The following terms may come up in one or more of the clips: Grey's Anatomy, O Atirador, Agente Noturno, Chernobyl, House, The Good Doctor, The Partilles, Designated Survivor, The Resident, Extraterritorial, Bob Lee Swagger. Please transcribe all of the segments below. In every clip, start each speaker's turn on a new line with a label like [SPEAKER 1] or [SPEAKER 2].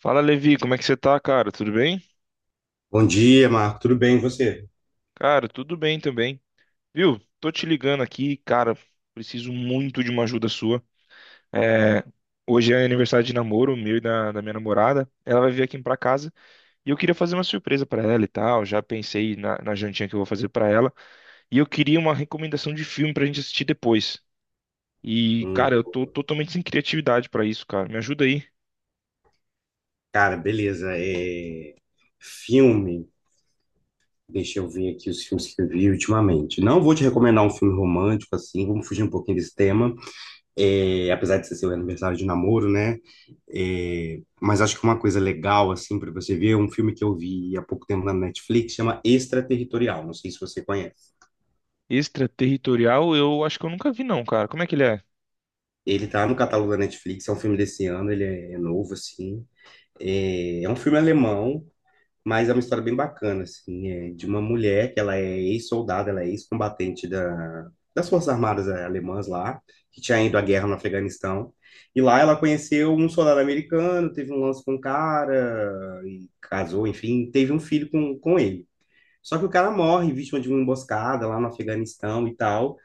[SPEAKER 1] Fala, Levi, como é que você tá, cara? Tudo bem?
[SPEAKER 2] Bom dia, Marco. Tudo bem, e você?
[SPEAKER 1] Cara, tudo bem também. Viu? Tô te ligando aqui, cara. Preciso muito de uma ajuda sua. É, hoje é aniversário de namoro meu e da minha namorada. Ela vai vir aqui pra casa e eu queria fazer uma surpresa pra ela e tal. Já pensei na jantinha que eu vou fazer pra ela. E eu queria uma recomendação de filme pra gente assistir depois. E,
[SPEAKER 2] Hum,
[SPEAKER 1] cara, eu tô totalmente sem criatividade pra isso, cara. Me ajuda aí.
[SPEAKER 2] cara, beleza. Filme. Deixa eu ver aqui os filmes que eu vi ultimamente. Não vou te recomendar um filme romântico, assim, vamos fugir um pouquinho desse tema. Apesar de ser seu aniversário de namoro, né? Mas acho que uma coisa legal, assim, para você ver, é um filme que eu vi há pouco tempo na Netflix, chama Extraterritorial. Não sei se você conhece.
[SPEAKER 1] Extraterritorial, eu acho que eu nunca vi, não, cara. Como é que ele é?
[SPEAKER 2] Ele tá no catálogo da Netflix, é um filme desse ano, ele é novo, assim. É um filme alemão. Mas é uma história bem bacana, assim, é de uma mulher que ela é ex-soldada, ela é ex-combatente das Forças Armadas alemãs lá, que tinha ido à guerra no Afeganistão. E lá ela conheceu um soldado americano, teve um lance com um cara, e casou, enfim, teve um filho com ele. Só que o cara morre vítima de uma emboscada lá no Afeganistão e tal,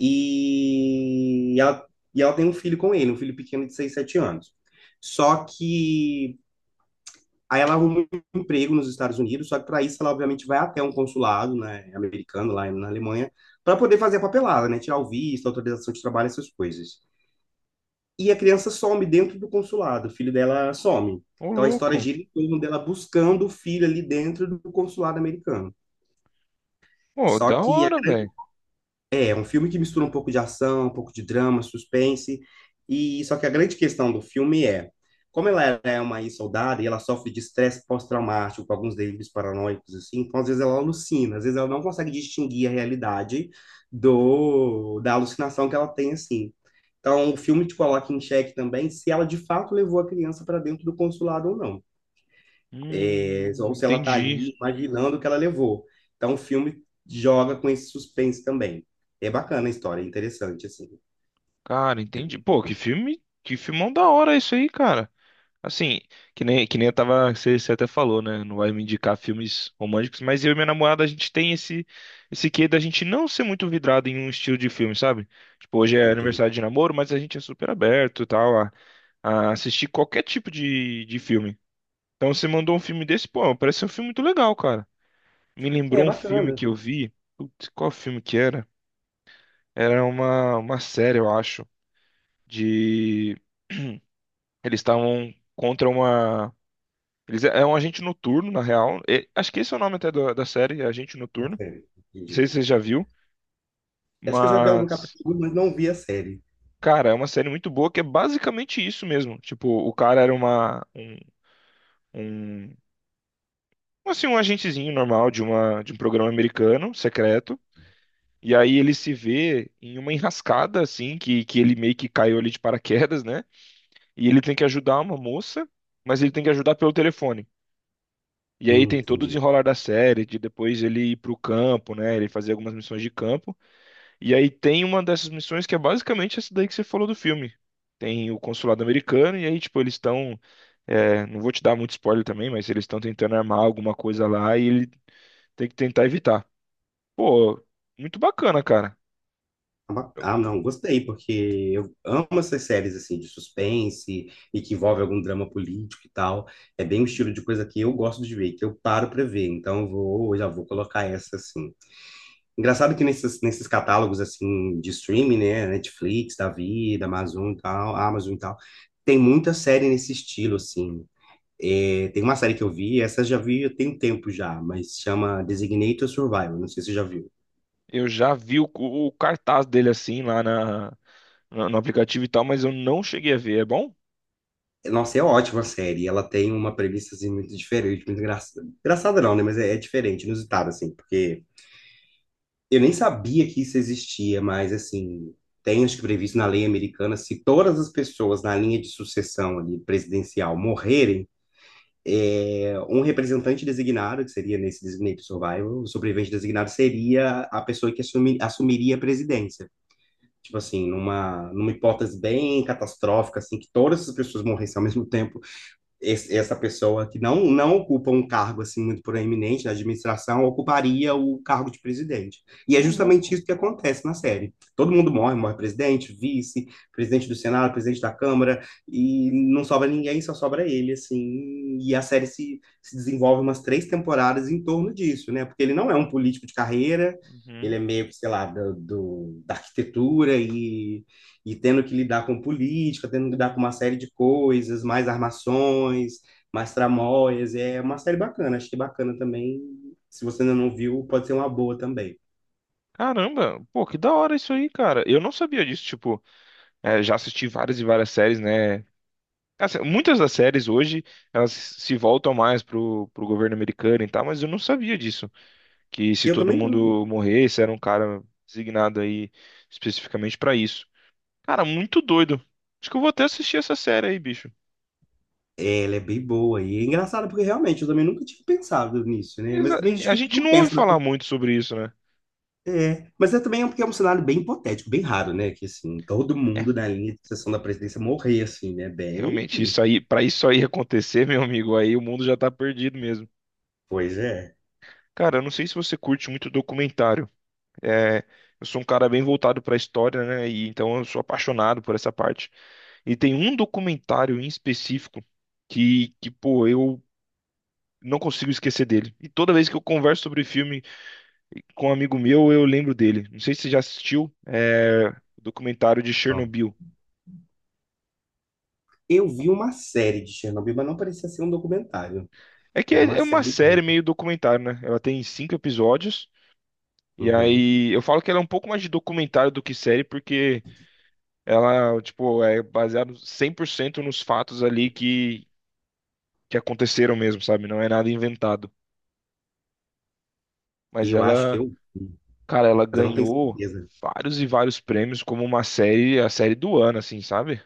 [SPEAKER 2] e ela, e ela tem um filho com ele, um filho pequeno de 6 7 anos. Só que Aí ela arruma um emprego nos Estados Unidos, só que para isso ela obviamente vai até um consulado, né, americano lá na Alemanha, para poder fazer a papelada, né, tirar o visto, autorização de trabalho, essas coisas. E a criança some dentro do consulado, o filho dela some.
[SPEAKER 1] Ô,
[SPEAKER 2] Então a história
[SPEAKER 1] louco.
[SPEAKER 2] gira em torno dela buscando o filho ali dentro do consulado americano.
[SPEAKER 1] Ô,
[SPEAKER 2] Só
[SPEAKER 1] da
[SPEAKER 2] que a
[SPEAKER 1] hora, velho.
[SPEAKER 2] É um filme que mistura um pouco de ação, um pouco de drama, suspense, e só que a grande questão do filme é, como ela é uma ex-soldada e ela sofre de estresse pós-traumático, com alguns delírios paranoicos, assim, então às vezes ela alucina, às vezes ela não consegue distinguir a realidade do da alucinação que ela tem, assim. Então o filme te coloca em xeque também se ela de fato levou a criança para dentro do consulado ou não, ou se ela está
[SPEAKER 1] Entendi.
[SPEAKER 2] ali imaginando o que ela levou. Então, o filme joga com esse suspense também. É bacana a história, é interessante, assim.
[SPEAKER 1] Cara, entendi. Pô, que filme, que filmão da hora isso aí, cara. Assim, que nem eu tava, você até falou, né? Não vai me indicar filmes românticos, mas eu e minha namorada, a gente tem esse, esse quê da gente não ser muito vidrado em um estilo de filme, sabe? Tipo, hoje é
[SPEAKER 2] Entendi.
[SPEAKER 1] aniversário de namoro, mas a gente é super aberto e tal, a assistir qualquer tipo de filme. Então você mandou um filme desse, pô, parece ser um filme muito legal, cara. Me
[SPEAKER 2] É
[SPEAKER 1] lembrou um filme
[SPEAKER 2] bacana.
[SPEAKER 1] que eu vi. Putz, qual filme que era? Era uma série, eu acho. De eles estavam contra uma eles é um agente noturno na real. Acho que esse é o nome até da série, é Agente Noturno.
[SPEAKER 2] É,
[SPEAKER 1] Não sei
[SPEAKER 2] entendi.
[SPEAKER 1] se você já viu,
[SPEAKER 2] Acho que eu já vi ela no
[SPEAKER 1] mas
[SPEAKER 2] capítulo, mas não vi a série.
[SPEAKER 1] cara, é uma série muito boa que é basicamente isso mesmo. Tipo, o cara era uma um, um assim um agentezinho normal de um programa americano secreto. E aí ele se vê em uma enrascada assim que ele meio que caiu ali de paraquedas, né? E ele tem que ajudar uma moça, mas ele tem que ajudar pelo telefone. E aí tem todo o
[SPEAKER 2] Entendi.
[SPEAKER 1] desenrolar da série, de depois ele ir pro campo, né? Ele fazer algumas missões de campo. E aí tem uma dessas missões que é basicamente essa daí que você falou do filme. Tem o consulado americano, e aí, tipo, eles estão. É, não vou te dar muito spoiler também, mas eles estão tentando armar alguma coisa lá e ele tem que tentar evitar. Pô, muito bacana, cara.
[SPEAKER 2] Ah, não, gostei, porque eu amo essas séries, assim, de suspense e que envolve algum drama político e tal. É bem um estilo de coisa que eu gosto de ver, que eu paro pra ver. Então, eu já vou colocar essa, assim. Engraçado que nesses catálogos assim de streaming, né, Netflix, da vida, Amazon e tal, tem muita série nesse estilo assim. É, tem uma série que eu vi, essa eu já vi tem um tempo já, mas chama Designated Survivor, não sei se você já viu.
[SPEAKER 1] Eu já vi o cartaz dele assim lá na, no aplicativo e tal, mas eu não cheguei a ver. É bom?
[SPEAKER 2] Nossa, é ótima a série, ela tem uma premissa assim muito diferente, muito engraçada. Engraçada não, né, mas é, é diferente, inusitada assim, porque eu nem sabia que isso existia, mas assim, tem acho que previsto na lei americana, se todas as pessoas na linha de sucessão ali, presidencial morrerem, um representante designado, que seria nesse designated survivor, o sobrevivente designado seria a pessoa que assumiria a presidência. Tipo assim, numa hipótese bem catastrófica, assim, que todas as pessoas morressem ao mesmo tempo, essa pessoa que não ocupa um cargo assim muito proeminente na administração ocuparia o cargo de presidente. E é
[SPEAKER 1] Ô,
[SPEAKER 2] justamente
[SPEAKER 1] louco.
[SPEAKER 2] isso que acontece na série. Todo mundo morre, morre presidente, vice, presidente do Senado, presidente da Câmara, e não sobra ninguém, só sobra ele, assim. E a série se desenvolve umas três temporadas em torno disso, né? Porque ele não é um político de carreira, ele
[SPEAKER 1] Uhum.
[SPEAKER 2] é meio, sei lá, da arquitetura e tendo que lidar com política, tendo que lidar com uma série de coisas, mais armações, mais tramóias. É uma série bacana, achei bacana também. Se você ainda não viu, pode ser uma boa também.
[SPEAKER 1] Caramba, pô, que da hora isso aí, cara. Eu não sabia disso, tipo, é, já assisti várias e várias séries, né? Assim, muitas das séries hoje, elas se voltam mais pro, pro governo americano e tal, mas eu não sabia disso. Que se
[SPEAKER 2] Eu
[SPEAKER 1] todo
[SPEAKER 2] também não.
[SPEAKER 1] mundo morresse, era um cara designado aí especificamente pra isso. Cara, muito doido. Acho que eu vou até assistir essa série aí, bicho.
[SPEAKER 2] É, ela é bem boa e é engraçada porque realmente eu também nunca tinha pensado nisso, né? Mas
[SPEAKER 1] Exa-
[SPEAKER 2] também acho
[SPEAKER 1] A
[SPEAKER 2] que a gente
[SPEAKER 1] gente
[SPEAKER 2] não
[SPEAKER 1] não ouve
[SPEAKER 2] pensa, né?
[SPEAKER 1] falar muito sobre isso, né?
[SPEAKER 2] Mas é também porque é um cenário bem hipotético, bem raro, né? Que assim, todo
[SPEAKER 1] É,
[SPEAKER 2] mundo na linha de sucessão da presidência morrer, assim, né? Bem.
[SPEAKER 1] realmente, isso aí, pra isso aí acontecer, meu amigo, aí o mundo já tá perdido mesmo.
[SPEAKER 2] Pois é.
[SPEAKER 1] Cara, eu não sei se você curte muito documentário. É, eu sou um cara bem voltado para a história, né? E então eu sou apaixonado por essa parte. E tem um documentário em específico que pô, eu não consigo esquecer dele. E toda vez que eu converso sobre filme com um amigo meu, eu lembro dele. Não sei se você já assistiu, é, o documentário de
[SPEAKER 2] Ó,
[SPEAKER 1] Chernobyl.
[SPEAKER 2] eu vi uma série de Chernobyl, mas não parecia ser um documentário.
[SPEAKER 1] É que
[SPEAKER 2] Era
[SPEAKER 1] é
[SPEAKER 2] uma
[SPEAKER 1] é uma
[SPEAKER 2] série.
[SPEAKER 1] série meio documentário, né? Ela tem cinco episódios. E
[SPEAKER 2] Uhum.
[SPEAKER 1] aí, eu falo que ela é um pouco mais de documentário do que série, porque ela, tipo, é baseado 100% nos fatos ali que aconteceram mesmo, sabe? Não é nada inventado.
[SPEAKER 2] E
[SPEAKER 1] Mas
[SPEAKER 2] eu acho que
[SPEAKER 1] ela,
[SPEAKER 2] eu vi,
[SPEAKER 1] cara, ela
[SPEAKER 2] mas eu não tenho
[SPEAKER 1] ganhou
[SPEAKER 2] certeza.
[SPEAKER 1] vários e vários prêmios como uma série, a série do ano, assim, sabe?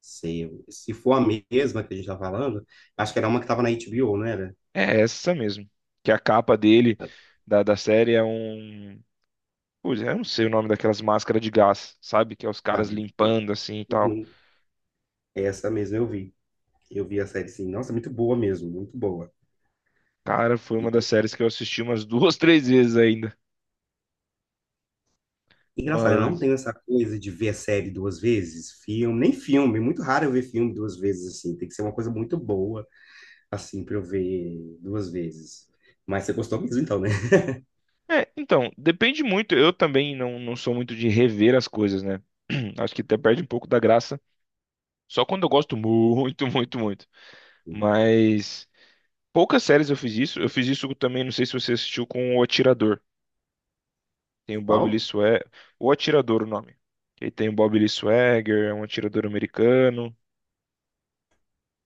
[SPEAKER 2] Sei. Se for a mesma que a gente tá falando, acho que era uma que tava na HBO, não era?
[SPEAKER 1] É essa mesmo. Que a capa dele, da série, é um. Putz, eu não sei o nome daquelas máscaras de gás, sabe? Que é os
[SPEAKER 2] Ah,
[SPEAKER 1] caras
[SPEAKER 2] meu Deus.
[SPEAKER 1] limpando assim e tal.
[SPEAKER 2] Uhum. É essa mesmo eu vi. Eu vi a série, sim. Nossa, muito boa mesmo, muito boa.
[SPEAKER 1] Cara, foi
[SPEAKER 2] E,
[SPEAKER 1] uma das séries que eu assisti umas duas, três vezes ainda.
[SPEAKER 2] engraçado, eu não
[SPEAKER 1] Mas.
[SPEAKER 2] tenho essa coisa de ver série duas vezes, filme, nem filme. Muito raro eu ver filme duas vezes, assim. Tem que ser uma coisa muito boa, assim, pra eu ver duas vezes. Mas você gostou mesmo, então, né?
[SPEAKER 1] É, então, depende muito. Eu também não, não sou muito de rever as coisas, né? Acho que até perde um pouco da graça. Só quando eu gosto muito, muito, muito. Mas poucas séries eu fiz isso. Eu fiz isso também, não sei se você assistiu com O Atirador. Tem o Bob Lee
[SPEAKER 2] Qual?
[SPEAKER 1] Swagger. O Atirador, o nome. E tem o Bob Lee Swagger, é um atirador americano,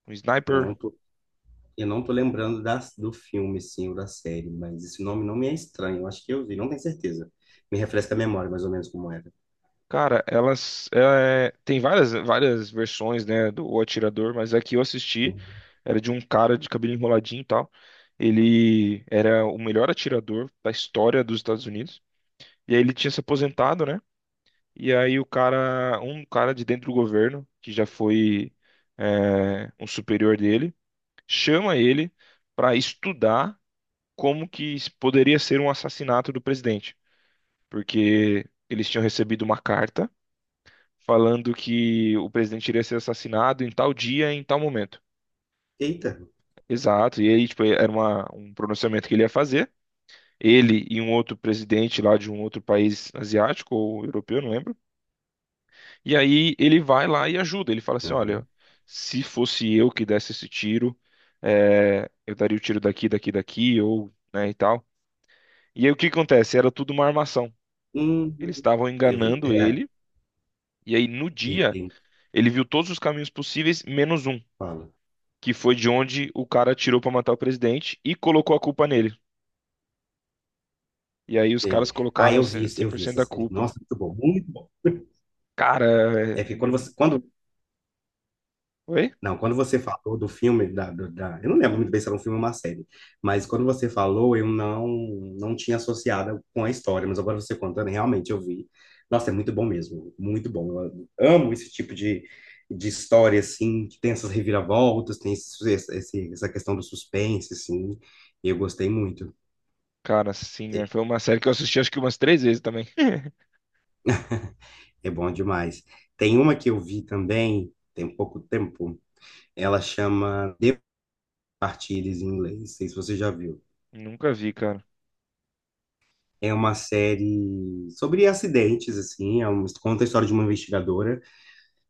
[SPEAKER 1] um
[SPEAKER 2] Eu
[SPEAKER 1] sniper.
[SPEAKER 2] não tô Eu não tô lembrando do filme, sim, ou da série, mas esse nome não me é estranho. Eu acho que eu vi, não tenho certeza. Me refresca a memória, mais ou menos, como era.
[SPEAKER 1] Cara, elas é, tem várias versões, né, do O Atirador, mas a que eu assisti
[SPEAKER 2] Hum.
[SPEAKER 1] era de um cara de cabelo enroladinho e tal. Ele era o melhor atirador da história dos Estados Unidos. E aí ele tinha se aposentado, né? E aí o cara, um cara de dentro do governo, que já foi é, um superior dele, chama ele para estudar como que isso poderia ser um assassinato do presidente, porque eles tinham recebido uma carta falando que o presidente iria ser assassinado em tal dia, em tal momento.
[SPEAKER 2] Eita!
[SPEAKER 1] Exato, e aí tipo, era uma, um pronunciamento que ele ia fazer, ele e um outro presidente lá de um outro país asiático ou europeu, não lembro. E aí ele vai lá e ajuda. Ele fala assim: olha,
[SPEAKER 2] Aham.
[SPEAKER 1] se fosse eu que desse esse tiro, é, eu daria o tiro daqui, daqui, daqui, ou, né, e tal. E aí o que acontece? Era tudo uma armação.
[SPEAKER 2] Hum,
[SPEAKER 1] Eles estavam
[SPEAKER 2] eu vi.
[SPEAKER 1] enganando
[SPEAKER 2] É,
[SPEAKER 1] ele, e aí no
[SPEAKER 2] ele
[SPEAKER 1] dia
[SPEAKER 2] ele
[SPEAKER 1] ele viu todos os caminhos possíveis, menos um,
[SPEAKER 2] fala.
[SPEAKER 1] que foi de onde o cara atirou pra matar o presidente e colocou a culpa nele. E aí os caras
[SPEAKER 2] Ele. Ah,
[SPEAKER 1] colocaram
[SPEAKER 2] eu vi, eu vi
[SPEAKER 1] 100%
[SPEAKER 2] essa
[SPEAKER 1] da
[SPEAKER 2] série.
[SPEAKER 1] culpa.
[SPEAKER 2] Nossa, muito bom, muito bom.
[SPEAKER 1] Cara, é...
[SPEAKER 2] É que quando
[SPEAKER 1] hum,
[SPEAKER 2] você, quando
[SPEAKER 1] oi?
[SPEAKER 2] Não, quando você falou do filme, eu não lembro muito bem se era um filme ou uma série, mas quando você falou, eu não não tinha associado com a história, mas agora você contando, realmente eu vi. Nossa, é muito bom mesmo, muito bom. Eu amo esse tipo de história, assim, que tem essas reviravoltas, tem essa questão do suspense, assim, e eu gostei muito,
[SPEAKER 1] Cara, sim, é, foi uma série que eu assisti acho que umas três vezes também.
[SPEAKER 2] é bom demais. Tem uma que eu vi também, tem pouco tempo, ela chama The Partilles em inglês, não sei se você já viu.
[SPEAKER 1] Nunca vi, cara.
[SPEAKER 2] É uma série sobre acidentes, assim, conta a história de uma investigadora.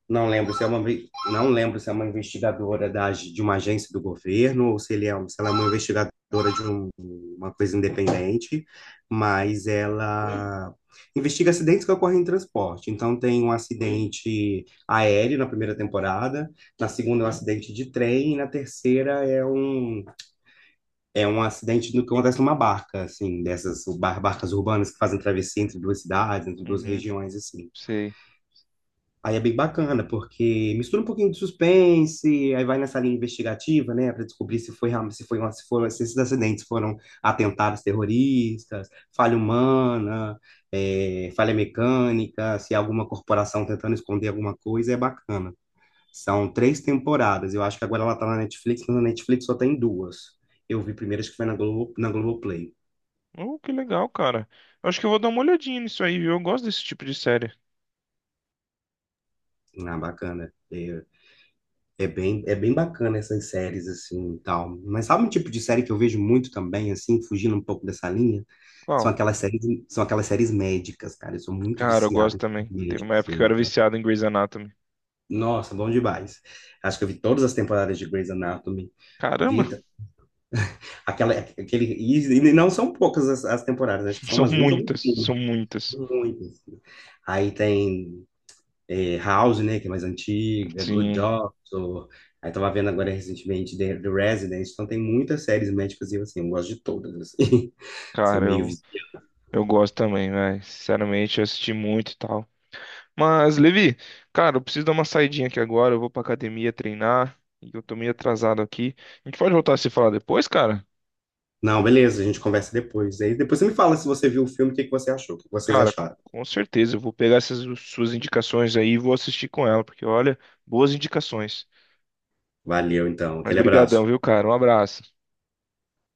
[SPEAKER 2] Não lembro se é uma, não lembro se é uma investigadora de uma agência do governo ou se ele é, se ela é uma investigadora de uma coisa independente, mas ela investiga acidentes que ocorrem em transporte. Então tem um acidente aéreo na primeira temporada, na segunda é um acidente de trem e na terceira é um acidente no que acontece numa barca, assim, dessas barcas urbanas que fazem travessia entre duas cidades, entre duas
[SPEAKER 1] Uhum,
[SPEAKER 2] regiões, assim.
[SPEAKER 1] sei.
[SPEAKER 2] Aí é bem bacana, porque mistura um pouquinho de suspense, aí vai nessa linha investigativa, né, para descobrir se foi realmente- se foi uma, se foram, se esses acidentes foram atentados terroristas, falha humana, falha mecânica, se é alguma corporação tentando esconder alguma coisa, é bacana. São três temporadas. Eu acho que agora ela tá na Netflix, mas na Netflix só tem duas. Eu vi primeiro, acho que foi na Globo, na Globoplay.
[SPEAKER 1] Oh, que legal, cara. Eu acho que eu vou dar uma olhadinha nisso aí, viu? Eu gosto desse tipo de série.
[SPEAKER 2] Ah, bacana. É, é bem bacana essas séries, assim, e tal. Mas sabe um tipo de série que eu vejo muito também, assim, fugindo um pouco dessa linha? São
[SPEAKER 1] Qual?
[SPEAKER 2] aquelas séries, são aquelas séries médicas, cara. Eu sou muito
[SPEAKER 1] Cara, eu gosto
[SPEAKER 2] viciado
[SPEAKER 1] também.
[SPEAKER 2] em
[SPEAKER 1] Teve
[SPEAKER 2] médico,
[SPEAKER 1] uma época que eu
[SPEAKER 2] assim.
[SPEAKER 1] era
[SPEAKER 2] Tá?
[SPEAKER 1] viciado em Grey's Anatomy.
[SPEAKER 2] Nossa, bom demais. Acho que eu vi todas as temporadas de Grey's Anatomy.
[SPEAKER 1] Caramba,
[SPEAKER 2] Vida, aquela, aquele, e, e não são poucas as temporadas, acho que são
[SPEAKER 1] são
[SPEAKER 2] umas 20 ou
[SPEAKER 1] muitas,
[SPEAKER 2] 21.
[SPEAKER 1] são muitas.
[SPEAKER 2] Muitas. Aí tem House, né, que é mais antiga, Good
[SPEAKER 1] Sim,
[SPEAKER 2] Doctor. Aí tava vendo agora recentemente The Resident. Então tem muitas séries médicas e eu, assim, eu gosto de todas, assim. Sou
[SPEAKER 1] cara,
[SPEAKER 2] meio viciado.
[SPEAKER 1] eu gosto também, velho. Sinceramente, eu assisti muito e tal. Mas, Levi, cara, eu preciso dar uma saidinha aqui agora. Eu vou pra academia treinar e eu tô meio atrasado aqui. A gente pode voltar a se falar depois, cara?
[SPEAKER 2] Não, beleza, a gente conversa depois. Aí depois você me fala se você viu o filme, o que que você achou, o que que vocês
[SPEAKER 1] Cara,
[SPEAKER 2] acharam.
[SPEAKER 1] com certeza, eu vou pegar essas suas indicações aí e vou assistir com ela, porque olha, boas indicações.
[SPEAKER 2] Valeu, então.
[SPEAKER 1] Mas
[SPEAKER 2] Aquele
[SPEAKER 1] brigadão,
[SPEAKER 2] abraço.
[SPEAKER 1] viu, cara? Um abraço.